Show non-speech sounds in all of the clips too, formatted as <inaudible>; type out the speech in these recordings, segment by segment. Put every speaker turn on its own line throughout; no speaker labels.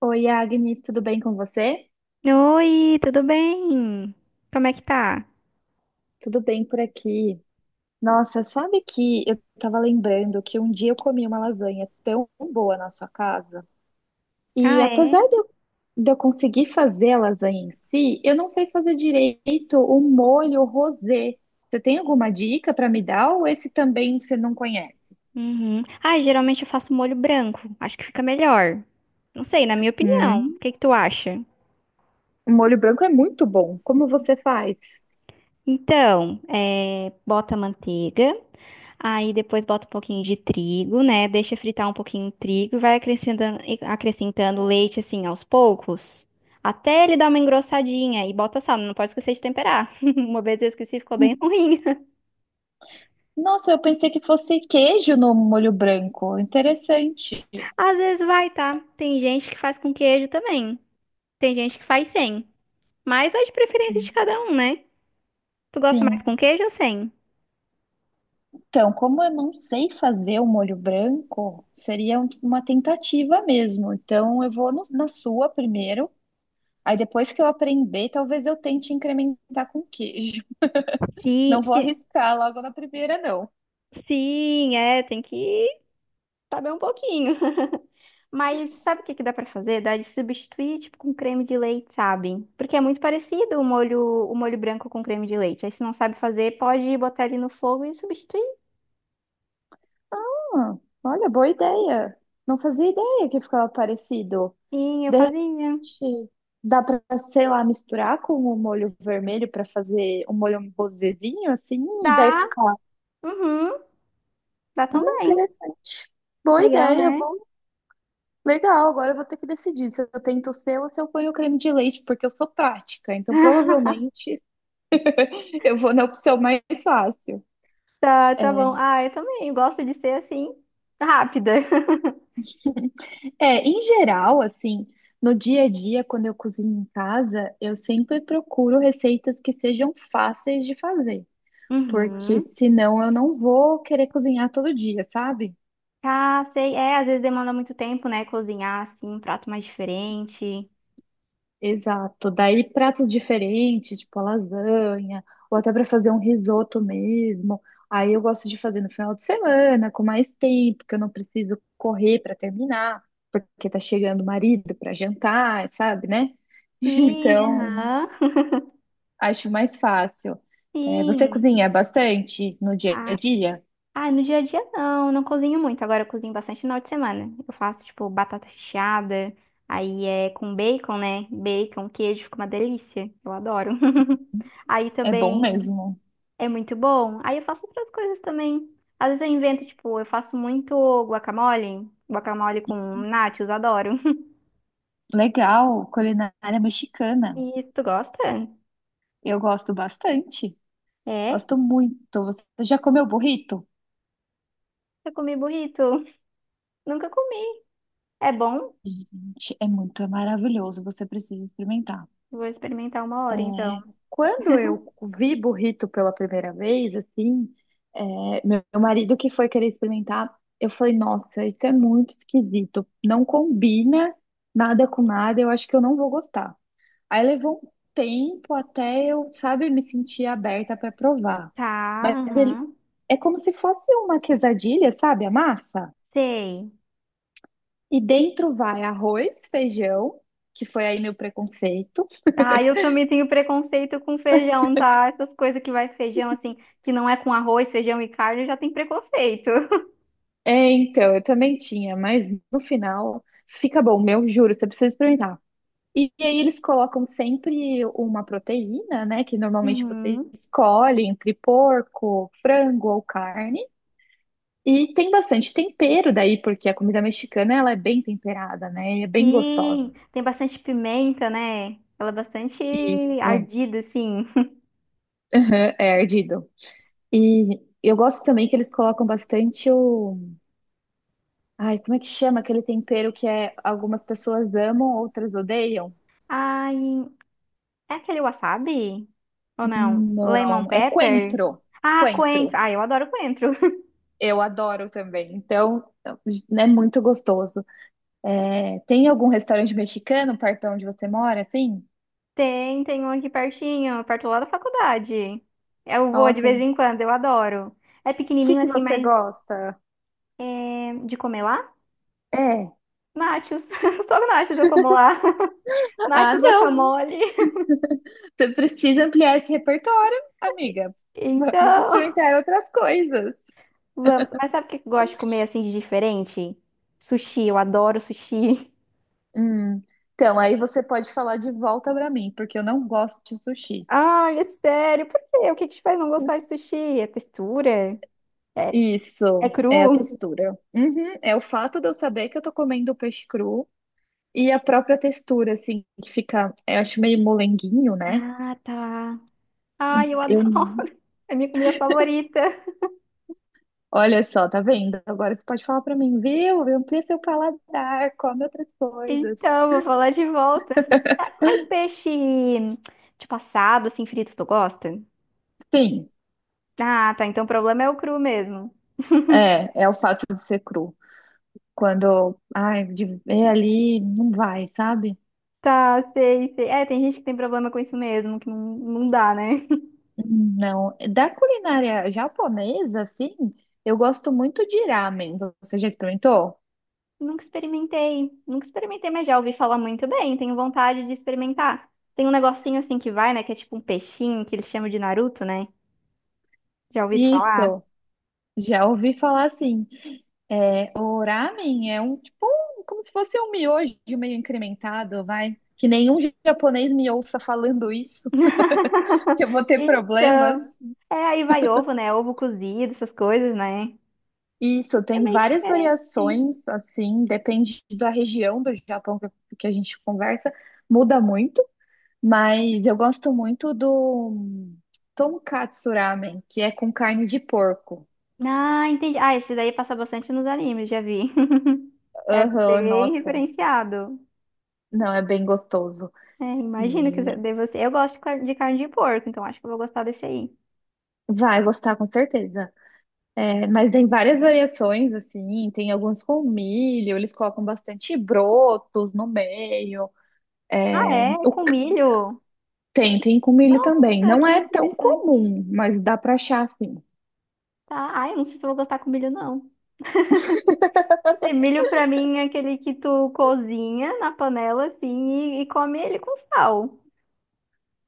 Oi, Agnes, tudo bem com você?
Oi, tudo bem? Como é que tá?
Tudo bem por aqui. Nossa, sabe que eu tava lembrando que um dia eu comi uma lasanha tão boa na sua casa. E
Ah,
apesar
é?
de eu conseguir fazer a lasanha em si, eu não sei fazer direito o molho rosé. Você tem alguma dica para me dar ou esse também você não conhece?
Uhum. Ah, geralmente eu faço molho branco. Acho que fica melhor. Não sei, na minha opinião. O
Hum,
que que tu acha?
o molho branco é muito bom. Como você faz?
Então, é, bota a manteiga, aí depois bota um pouquinho de trigo, né? Deixa fritar um pouquinho o trigo e vai acrescentando, e acrescentando leite assim aos poucos, até ele dar uma engrossadinha e bota sal. Não pode esquecer de temperar. <laughs> Uma vez eu esqueci, ficou bem <laughs> ruim.
Nossa, eu pensei que fosse queijo no molho branco. Interessante.
Às vezes vai, tá? Tem gente que faz com queijo também. Tem gente que faz sem. Mas é de preferência de cada um, né? Tu gosta mais
Sim.
com queijo ou sem?
Então, como eu não sei fazer o molho branco, seria uma tentativa mesmo. Então, eu vou na sua primeiro. Aí, depois que eu aprender, talvez eu tente incrementar com queijo. <laughs>
Sim,
Não vou
sim,
arriscar logo na primeira, não.
sim, é, tem que saber um pouquinho. <laughs> Mas sabe o que que dá pra fazer? Dá de substituir, tipo, com creme de leite, sabe? Porque é muito parecido o molho branco com creme de leite. Aí se não sabe fazer, pode botar ele no fogo e substituir.
Ah, olha, boa ideia. Não fazia ideia que ficava parecido.
Sim, eu
De
fazia.
repente, dá para, sei lá, misturar com o molho vermelho para fazer um molho um rosézinho, assim, e daí
Dá,
fica.
uhum, dá também.
Interessante. Boa
Legal,
ideia.
né?
Legal, agora eu vou ter que decidir se eu tento o seu ou se eu ponho o creme de leite, porque eu sou prática, então
<laughs>
provavelmente <laughs> eu vou na opção mais fácil.
Tá,
É,
tá bom. Ah, eu também gosto de ser assim, rápida. <laughs>
é, em geral, assim, no dia a dia, quando eu cozinho em casa, eu sempre procuro receitas que sejam fáceis de fazer, porque
Uhum.
senão eu não vou querer cozinhar todo dia, sabe?
Ah, sei. É, às vezes demanda muito tempo, né? Cozinhar, assim, um prato mais diferente.
Exato. Daí pratos diferentes, tipo a lasanha, ou até para fazer um risoto mesmo. Aí eu gosto de fazer no final de semana, com mais tempo, que eu não preciso correr para terminar, porque tá chegando o marido para jantar, sabe, né? <laughs>
Sim,
Então,
aham.
acho mais fácil.
<laughs>
É, você
Sim.
cozinha bastante no dia a
Ah,
dia?
no dia a dia não, não cozinho muito. Agora eu cozinho bastante no final de semana. Eu faço, tipo, batata recheada. Aí é com bacon, né? Bacon, queijo, fica uma delícia. Eu adoro. <laughs> Aí
É bom
também.
mesmo.
É muito bom. Aí eu faço outras coisas também. Às vezes eu invento, tipo, eu faço muito guacamole, guacamole com nachos, adoro. <laughs>
Legal, culinária mexicana.
E tu gosta?
Eu gosto bastante.
É?
Gosto muito. Você já comeu burrito?
Eu comi burrito. <laughs> Nunca comi. É bom?
Gente, é muito é maravilhoso, você precisa experimentar.
Vou experimentar uma
É,
hora então.
quando eu vi burrito pela primeira vez, assim, é, meu marido que foi querer experimentar, eu falei, nossa, isso é muito esquisito, não combina nada com nada, eu acho que eu não vou gostar. Aí levou um tempo até eu, sabe, me sentir aberta para provar.
Tá,
Mas ele
aham.
é como se fosse uma quesadilha, sabe, a massa?
Sei.
E dentro vai arroz, feijão, que foi aí meu preconceito.
Ah, eu também tenho preconceito com feijão, tá? Essas coisas que vai feijão, assim, que não é com arroz, feijão e carne, eu já tenho preconceito. <laughs>
É, então, eu também tinha, mas no final fica bom, meu, juro, você precisa experimentar. E, aí eles colocam sempre uma proteína, né, que normalmente você
Uhum.
escolhe entre porco, frango ou carne. E tem bastante tempero daí, porque a comida mexicana ela é bem temperada, né? E é bem
Sim,
gostosa.
tem bastante pimenta, né? Ela é bastante
Isso.
ardida, assim.
<laughs> Aham, é ardido. E eu gosto também que eles colocam bastante o ai, como é que chama aquele tempero que é algumas pessoas amam, outras odeiam?
Ai, é aquele wasabi? Ou não? Lemon
Não, é
pepper?
coentro.
Ah, coentro.
Coentro.
Ah, eu adoro coentro. <laughs>
Eu adoro também. Então, é muito gostoso. É, tem algum restaurante mexicano perto de onde você mora, assim?
Tem, tem um aqui pertinho, perto lá da faculdade. Eu
Então,
vou de vez
assim,
em quando, eu adoro. É
o que
pequenininho
que
assim,
você
mas
gosta?
é de comer lá?
É.
Nachos. <laughs> Só nachos eu como lá. <laughs>
Ah,
Nachos,
não.
guacamole.
Você precisa ampliar esse repertório, amiga.
<laughs>
Vamos
Então.
experimentar outras coisas.
Vamos. Mas sabe o que eu gosto de comer assim de diferente? Sushi, eu adoro sushi.
Hum, Então, aí você pode falar de volta pra mim, porque eu não gosto de
<laughs>
sushi.
Ai, é sério, por quê? O que que te faz não gostar de sushi? É textura? É, é
Isso, é a
cru?
textura. Uhum, é o fato de eu saber que eu tô comendo peixe cru e a própria textura, assim, que fica, eu acho meio molenguinho, né?
Ah, tá. Ai, eu
Eu,
adoro. <laughs> É minha comida favorita.
olha só, tá vendo? Agora você pode falar pra mim, viu? Amplia seu paladar, come outras coisas.
Então, vou falar de volta. Ah, mas peixe, tipo assado, assim, frito, tu gosta?
Sim,
Ah, tá. Então o problema é o cru mesmo. <laughs>
é o fato de ser cru. Quando, ai, de ver ali, não vai, sabe?
Tá, sei, sei. É, tem gente que tem problema com isso mesmo, que não, não dá, né?
Não, da culinária japonesa, assim, eu gosto muito de ramen. Você já experimentou?
Nunca experimentei, nunca experimentei, mas já ouvi falar muito bem, tenho vontade de experimentar. Tem um negocinho assim que vai, né, que é tipo um peixinho, que eles chamam de Naruto, né? Já ouvi isso falar?
Isso. Já ouvi falar assim, é, o ramen é um tipo, como se fosse um miojo meio incrementado, vai. Que nenhum japonês me ouça falando isso, <laughs> que eu vou
<laughs>
ter
Então,
problemas.
é, aí vai ovo, né? Ovo cozido, essas coisas, né?
Isso,
É
tem
meio
várias
diferente.
variações, assim, depende da região do Japão que a gente conversa, muda muito, mas eu gosto muito do tonkatsu ramen, que é com carne de porco.
Ah, entendi. Ah, esse daí passa bastante nos animes, já vi. <laughs> É
Aham,
bem
nossa,
referenciado.
não, é bem gostoso.
É, imagino que
E
deve ser. Eu gosto de de carne de porco, então acho que eu vou gostar desse aí.
vai gostar com certeza. É, mas tem várias variações, assim, tem alguns com milho, eles colocam bastante brotos no meio.
Ah, é? É
O
com
c-
milho?
tem, tem com milho também.
Nossa,
Não
que
é tão
interessante.
comum, mas dá pra achar, assim.
Tá. Ai, eu não sei se eu vou gostar com milho, não. Não sei, milho pra mim é aquele que tu cozinha na panela, assim, e come ele com sal,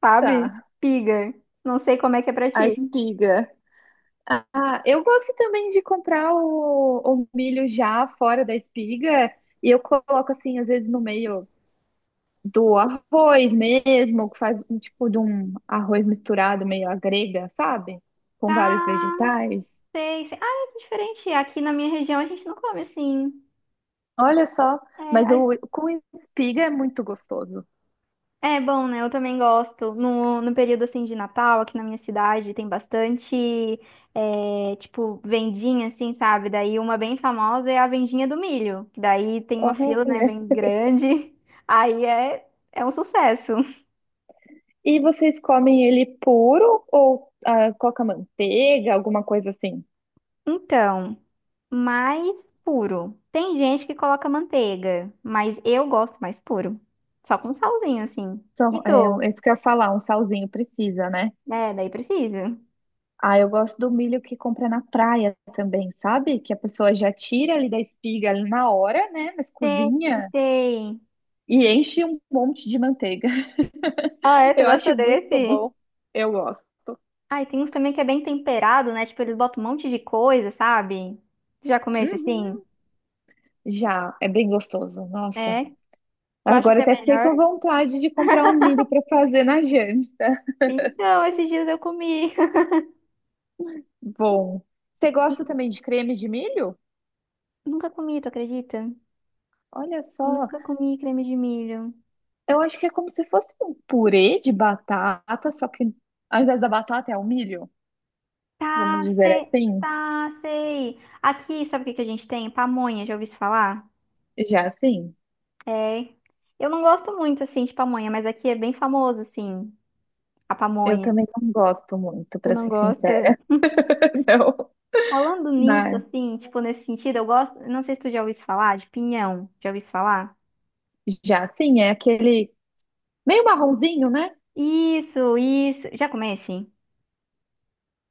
sabe?
Tá,
Piga. Não sei como é que é pra
a
ti.
espiga. Ah, eu gosto também de comprar o milho já fora da espiga, e eu coloco, assim, às vezes no meio do arroz mesmo, que faz um tipo de um arroz misturado, meio à grega, sabe? Com vários
Tá,
vegetais.
sei, sei. Ah, é diferente. Aqui na minha região a gente não come assim.
Olha só,
É
mas o
a
com espiga é muito gostoso.
É bom, né? Eu também gosto. No período assim de Natal, aqui na minha cidade, tem bastante, é, tipo, vendinha, assim, sabe? Daí uma bem famosa é a vendinha do milho. Que Daí tem uma
Olha.
fila, né, bem grande. <laughs> Aí é, é um sucesso.
E vocês comem ele puro ou ah, coloca manteiga, alguma coisa assim?
Então, mais puro. Tem gente que coloca manteiga, mas eu gosto mais puro. Só com salzinho, assim. E
Então, é,
tu?
isso que eu ia falar, um salzinho precisa, né?
É, daí precisa.
Ah, eu gosto do milho que compra na praia também, sabe? Que a pessoa já tira ali da espiga ali na hora, né? Mas
Sei,
cozinha
sei.
e enche um monte de manteiga.
Ah, é?
<laughs>
Tu
Eu
gosta
acho muito
desse?
bom. Eu gosto.
Ah, e tem uns também que é bem temperado, né? Tipo, eles botam um monte de coisa, sabe? Tu já comeu esse assim?
Uhum. Já, é bem gostoso. Nossa.
É? Tu acha que
Agora
é
até fiquei
melhor?
com vontade de comprar um milho para fazer na janta.
Então, esses dias eu comi. <laughs>
Bom, você gosta
E
também de creme de milho?
nunca comi, tu acredita?
Olha só,
Nunca comi creme de milho.
eu acho que é como se fosse um purê de batata, só que ao invés da batata é o milho, vamos
Tá,
dizer
sei.
assim,
Tá, sei. Aqui, sabe o que que a gente tem? Pamonha, já ouvi isso falar?
já assim.
É. Eu não gosto muito, assim, de pamonha, mas aqui é bem famoso, assim, a
Eu
pamonha.
também não gosto muito,
Tu
para
não
ser
gosta?
sincera, <laughs> não.
Falando nisso,
Mas
assim, tipo, nesse sentido, eu gosto. Não sei se tu já ouviu falar de pinhão. Já ouviu falar?
já assim, é aquele meio marronzinho, né?
Isso, isso. Já comece?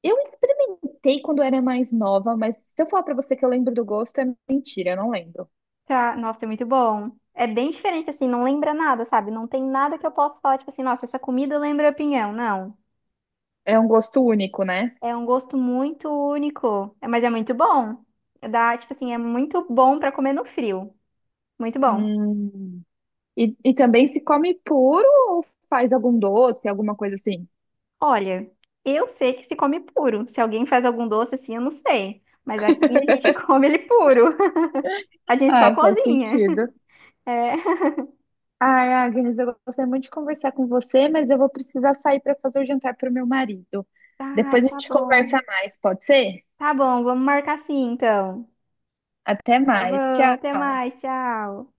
Eu experimentei quando era mais nova, mas se eu falar para você que eu lembro do gosto, é mentira, eu não lembro.
Tá, nossa, é muito bom. É bem diferente, assim, não lembra nada, sabe? Não tem nada que eu possa falar, tipo assim, nossa, essa comida lembra pinhão. Não.
É um gosto único, né?
É um gosto muito único, é, mas é muito bom. Dá, tipo assim, é muito bom pra comer no frio. Muito bom.
Hum. E também se come puro ou faz algum doce, alguma coisa assim?
Olha, eu sei que se come puro. Se alguém faz algum doce assim, eu não sei. Mas aqui a gente <laughs> come ele puro. A gente só
Ai, faz
cozinha.
sentido.
É. <laughs>
Ai, Agnes, eu gostei muito de conversar com você, mas eu vou precisar sair para fazer o jantar para o meu marido.
Ai,
Depois a
tá
gente
bom.
conversa mais, pode ser?
Tá bom, vamos marcar assim, então.
Até
Tá
mais.
bom, até
Tchau.
mais, tchau.